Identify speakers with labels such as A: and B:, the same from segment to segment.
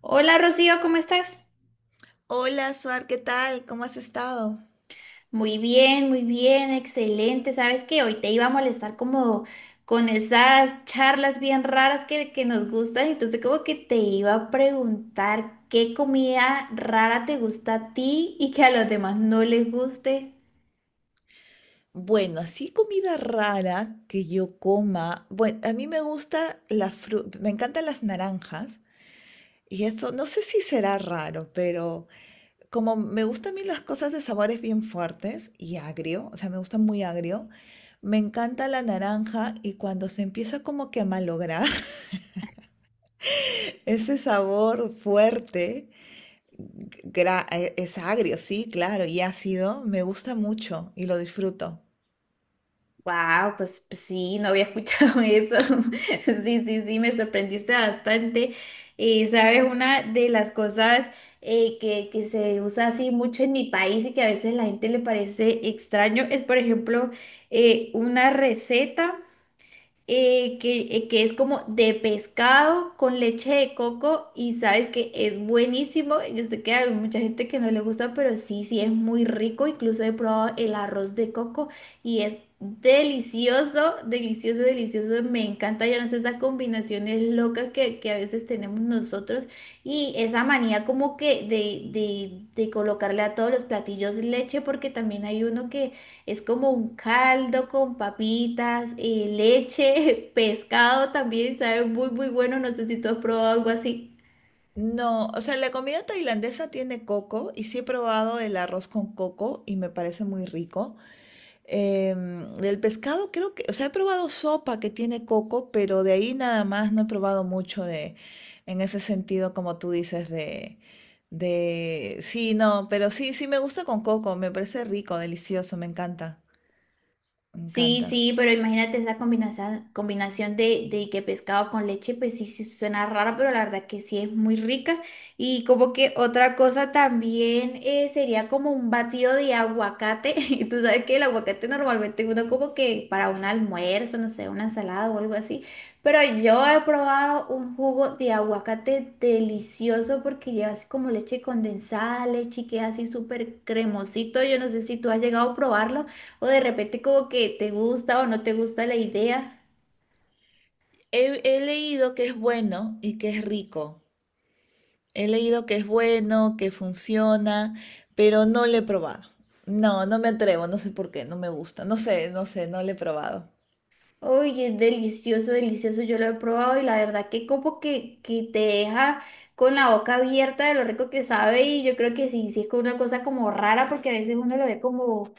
A: Hola Rocío, ¿cómo estás?
B: Hola, Suar, ¿qué tal? ¿Cómo has estado?
A: Muy bien, excelente. Sabes que hoy te iba a molestar como con esas charlas bien raras que nos gustan, entonces como que te iba a preguntar qué comida rara te gusta a ti y que a los demás no les guste.
B: Bueno, así comida rara que yo coma. Bueno, a mí me gusta la fruta, me encantan las naranjas y esto no sé si será raro, pero como me gustan a mí las cosas de sabores bien fuertes y agrio, o sea, me gusta muy agrio, me encanta la naranja y cuando se empieza como que a malograr ese sabor fuerte, es agrio, sí, claro, y ácido, me gusta mucho y lo disfruto.
A: Wow, pues, pues sí, no había escuchado eso. Sí, sí, sí, me sorprendiste bastante. Sabes, una de las cosas que se usa así mucho en mi país y que a veces la gente le parece extraño es, por ejemplo, una receta que es como de pescado con leche de coco, y sabes que es buenísimo. Yo sé que hay mucha gente que no le gusta, pero sí, sí es muy rico. Incluso he probado el arroz de coco y es delicioso, delicioso, delicioso. Me encanta, yo no sé, esas combinaciones locas que a veces tenemos nosotros y esa manía como que de colocarle a todos los platillos leche, porque también hay uno que es como un caldo con papitas, leche, pescado también, sabe muy, muy bueno. No sé si tú has probado algo así.
B: No, o sea, la comida tailandesa tiene coco y sí he probado el arroz con coco y me parece muy rico. Del pescado creo que, o sea, he probado sopa que tiene coco, pero de ahí nada más no he probado mucho en ese sentido, como tú dices, sí, no, pero sí, sí me gusta con coco, me parece rico, delicioso, me encanta, me
A: Sí,
B: encanta.
A: sí, pero imagínate esa combinación, combinación de que pescado con leche, pues sí, sí suena rara, pero la verdad que sí es muy rica. Y como que otra cosa también sería como un batido de aguacate. Y tú sabes que el aguacate normalmente uno como que para un almuerzo, no sé, una ensalada o algo así. Pero yo he probado un jugo de aguacate delicioso, porque lleva así como leche condensada, leche, que es así súper cremosito. Yo no sé si tú has llegado a probarlo, o de repente como que te gusta o no te gusta la idea.
B: He leído que es bueno y que es rico. He leído que es bueno, que funciona, pero no lo he probado. No, no me atrevo, no sé por qué, no me gusta, no sé, no sé, no lo he probado.
A: Oye, es delicioso, delicioso. Yo lo he probado y la verdad que como que te deja con la boca abierta de lo rico que sabe, y yo creo que sí, sí es como una cosa como rara, porque a veces uno lo ve como,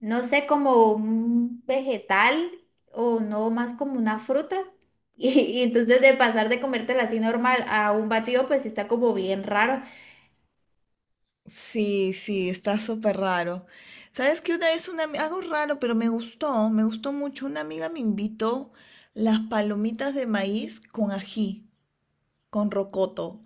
A: no sé, como un vegetal o no más como una fruta. Y, y entonces de pasar de comértela así normal a un batido, pues sí está como bien raro.
B: Sí, sí, está súper raro. ¿Sabes que una vez algo raro, pero me gustó mucho? Una amiga me invitó las palomitas de maíz con ají, con rocoto.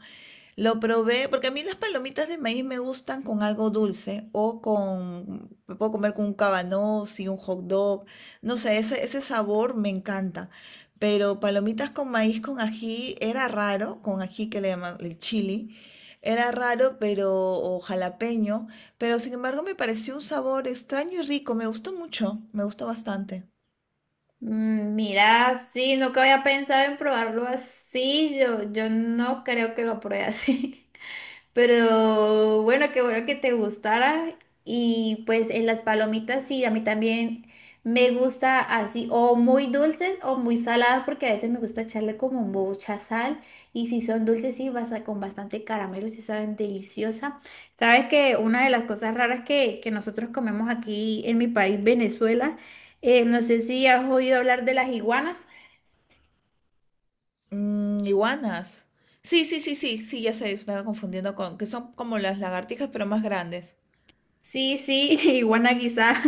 B: Lo probé, porque a mí las palomitas de maíz me gustan con algo dulce o con, me puedo comer con un cabanossi y un hot dog, no sé, ese sabor me encanta. Pero palomitas con maíz con ají era raro, con ají que le llaman el chili, era raro, pero, o jalapeño, pero sin embargo me pareció un sabor extraño y rico, me gustó mucho, me gustó bastante.
A: Mm, mira, sí, nunca había pensado en probarlo así. Yo no creo que lo pruebe así. Pero bueno, qué bueno que te gustara. Y pues en las palomitas sí, a mí también me gusta así, o muy dulces o muy saladas, porque a veces me gusta echarle como mucha sal. Y si son dulces, sí, con bastante caramelo, sí saben deliciosa. Sabes que una de las cosas raras que nosotros comemos aquí en mi país, Venezuela, no sé si has oído hablar de las iguanas.
B: Mm, iguanas. Sí, sí, sí, sí, sí, ya se estaba confundiendo con, que son como las lagartijas, pero más grandes.
A: Sí, sí, iguana guisada.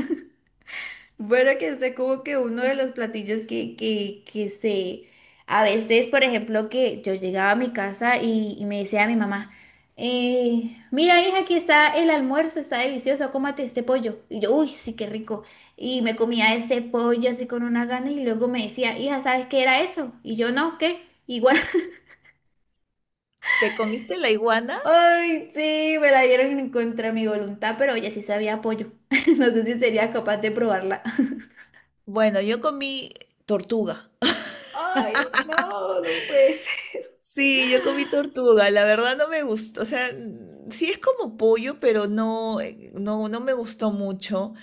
A: Bueno, que es como que uno de los platillos que se... A veces, por ejemplo, que yo llegaba a mi casa y me decía a mi mamá, mira, hija, aquí está el almuerzo, está delicioso, cómate este pollo. Y yo, uy, sí, qué rico. Y me comía este pollo así con una gana y luego me decía, hija, ¿sabes qué era eso? Y yo, no, ¿qué? Igual.
B: ¿Te comiste la iguana?
A: Ay, sí, me la dieron en contra de mi voluntad, pero ella sí sabía apoyo. No sé si sería capaz de probarla.
B: Bueno, yo comí tortuga.
A: Ay, no, no puede ser.
B: Sí, yo comí tortuga, la verdad no me gustó, o sea, mm, sí es como pollo, pero no, no, no me gustó mucho.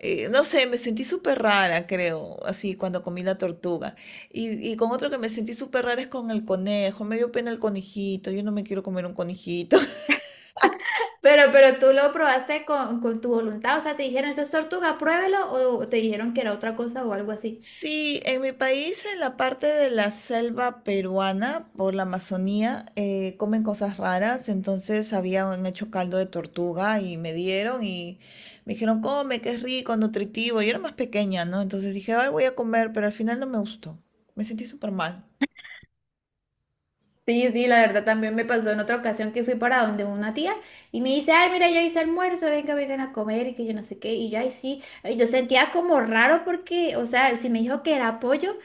B: No sé, me sentí súper rara, creo, así cuando comí la tortuga. Y con otro que me sentí súper rara es con el conejo, me dio pena el conejito, yo no me quiero comer un conejito.
A: Pero tú lo probaste con tu voluntad, o sea, te dijeron, esto es tortuga, pruébelo, o te dijeron que era otra cosa o algo así.
B: Sí, en mi país, en la parte de la selva peruana, por la Amazonía, comen cosas raras. Entonces habían hecho caldo de tortuga y me dieron y me dijeron, come, que es rico, nutritivo. Yo era más pequeña, ¿no? Entonces dije, ay, voy a comer, pero al final no me gustó. Me sentí súper mal.
A: Sí, sí, la verdad también me pasó en otra ocasión que fui para donde una tía y me dice, ay, mira, yo hice almuerzo, venga, vengan a comer y que yo no sé qué, y yo, ay, sí, y yo sentía como raro porque, o sea, si me dijo que era pollo,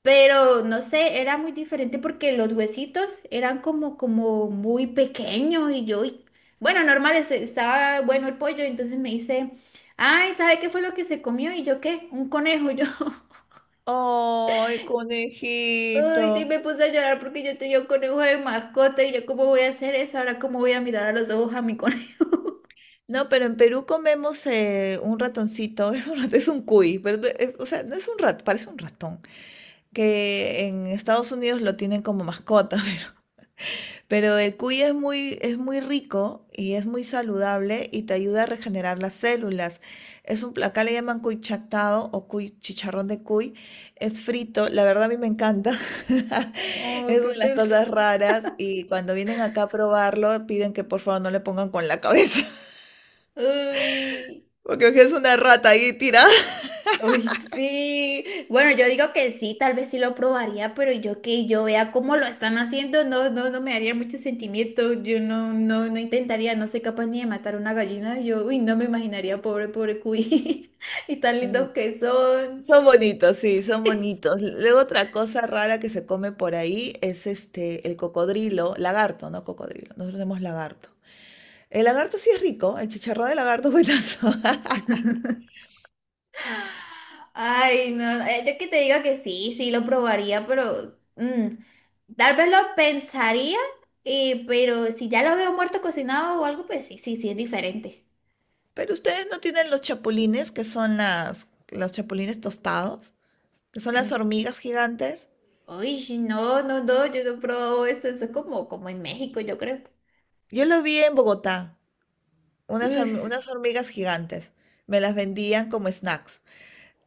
A: pero no sé, era muy diferente porque los huesitos eran como, como muy pequeños, y yo, bueno, normal, estaba bueno el pollo, entonces me dice, ay, ¿sabe qué fue lo que se comió? Y yo, ¿qué? Un conejo, yo.
B: Ay, conejito.
A: Uy, y me puse a llorar porque yo tenía un conejo de mascota, y yo, ¿cómo voy a hacer eso? Ahora, ¿cómo voy a mirar a los ojos a mi conejo?
B: No, pero en Perú comemos un ratoncito, es es un cuy, pero o sea, no es un rat, parece un ratón, que en Estados Unidos lo tienen como mascota, pero el cuy es muy rico y es muy saludable y te ayuda a regenerar las células. Es acá le llaman cuy chactado o cuy chicharrón de cuy, es frito, la verdad a mí me encanta.
A: Ay,
B: Es una
A: qué
B: de las
A: pesar.
B: cosas raras y cuando vienen acá a probarlo piden que por favor no le pongan con la cabeza.
A: Uy.
B: Porque es una rata ahí tira.
A: Uy, sí. Bueno, yo digo que sí, tal vez sí lo probaría, pero yo que yo vea cómo lo están haciendo, no, no, no me haría mucho sentimiento. Yo no, no, no intentaría, no soy capaz ni de matar una gallina. Yo, uy, no me imaginaría, pobre, pobre cuy. Y tan
B: Mm.
A: lindos que son.
B: Son bonitos, sí, son bonitos. Luego otra cosa rara que se come por ahí es este, el cocodrilo, lagarto, no cocodrilo. Nosotros tenemos lagarto. El lagarto sí es rico, el chicharrón de lagarto es buenazo.
A: Ay, no. Yo que te diga que sí, sí lo probaría, pero mm, tal vez lo pensaría, pero si ya lo veo muerto cocinado o algo, pues sí, sí, sí es diferente.
B: Pero ustedes no tienen los chapulines, que son los chapulines tostados, que son las hormigas gigantes.
A: Uy, sí, no, no, no, yo no he probado eso, eso es como, como en México, yo creo.
B: Yo lo vi en Bogotá,
A: Uf,
B: unas hormigas gigantes. Me las vendían como snacks.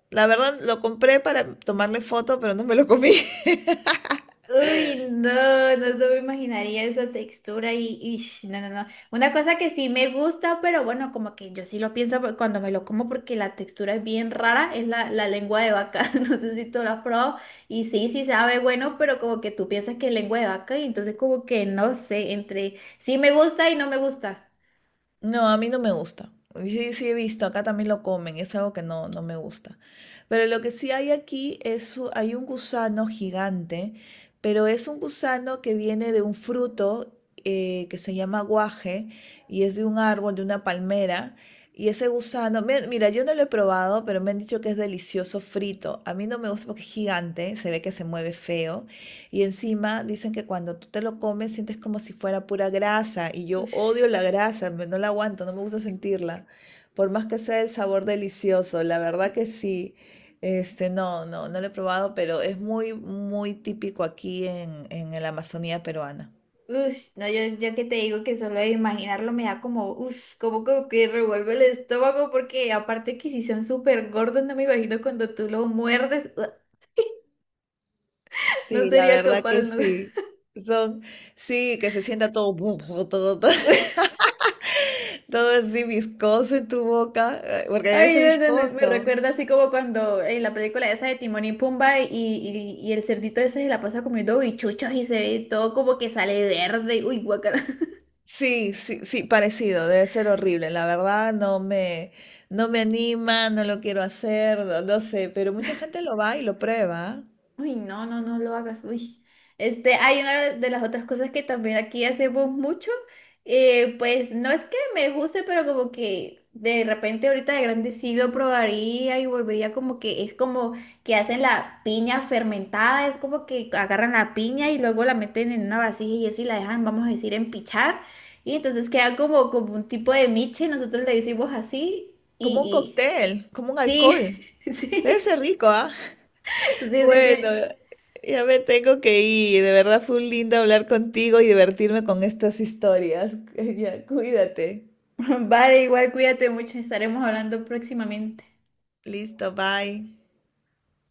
B: La verdad, lo compré para tomarle foto, pero no me lo comí.
A: uy, no, no, no me imaginaría esa textura y no, no, no. Una cosa que sí me gusta, pero bueno, como que yo sí lo pienso cuando me lo como, porque la textura es bien rara, es la lengua de vaca, no sé si tú la has probado, y sí, sí sabe bueno, pero como que tú piensas que es lengua de vaca, y entonces como que no sé, entre sí me gusta y no me gusta.
B: No, a mí no me gusta. Sí, sí he visto, acá también lo comen, es algo que no, no me gusta. Pero lo que sí hay aquí es, hay un gusano gigante, pero es un gusano que viene de un fruto que se llama guaje y es de un árbol, de una palmera. Y ese gusano, mira, yo no lo he probado, pero me han dicho que es delicioso frito. A mí no me gusta porque es gigante, se ve que se mueve feo. Y encima dicen que cuando tú te lo comes sientes como si fuera pura grasa y yo
A: Uf.
B: odio la grasa, no la aguanto, no me gusta sentirla, por más que sea el sabor delicioso, la verdad que sí. Este, no, no, no lo he probado, pero es muy, muy típico aquí en la Amazonía peruana.
A: Ush, no, yo que te digo que solo de imaginarlo me da como, uff, como, como que revuelve el estómago, porque aparte que si son súper gordos, no me imagino cuando tú lo muerdes, no
B: Sí, la
A: sería
B: verdad
A: capaz,
B: que
A: no.
B: sí. Son, sí, que se sienta todo, todo, todo, todo así viscoso en tu boca, porque debe
A: Ay,
B: ser
A: no, no, no, me
B: viscoso.
A: recuerda así como cuando en la película esa de Timón y Pumba, y el cerdito ese se la pasa comiendo bichuchos y se ve todo como que sale verde, uy, guacala.
B: Sí, sí, sí, parecido, debe ser horrible, la verdad no me, no me anima, no lo quiero hacer, no, no sé, pero mucha gente lo va y lo prueba, ¿ah?
A: Uy, no, no, no lo hagas. Uy. Este, hay una de las otras cosas que también aquí hacemos mucho. Pues no es que me guste, pero como que de repente ahorita de grande sí lo probaría y volvería, como que es como que hacen la piña fermentada, es como que agarran la piña y luego la meten en una vasija y eso y la dejan, vamos a decir, empichar. Y entonces queda como, como un tipo de miche, nosotros le decimos así,
B: Como un cóctel, como un
A: y
B: alcohol,
A: sí,
B: debe ser
A: sí.
B: rico, ¿ah?
A: Sí, sí, sí.
B: Bueno, ya me tengo que ir, de verdad fue un lindo hablar contigo y divertirme con estas historias. Ya, cuídate,
A: Vale, igual cuídate mucho, estaremos hablando próximamente.
B: listo, bye.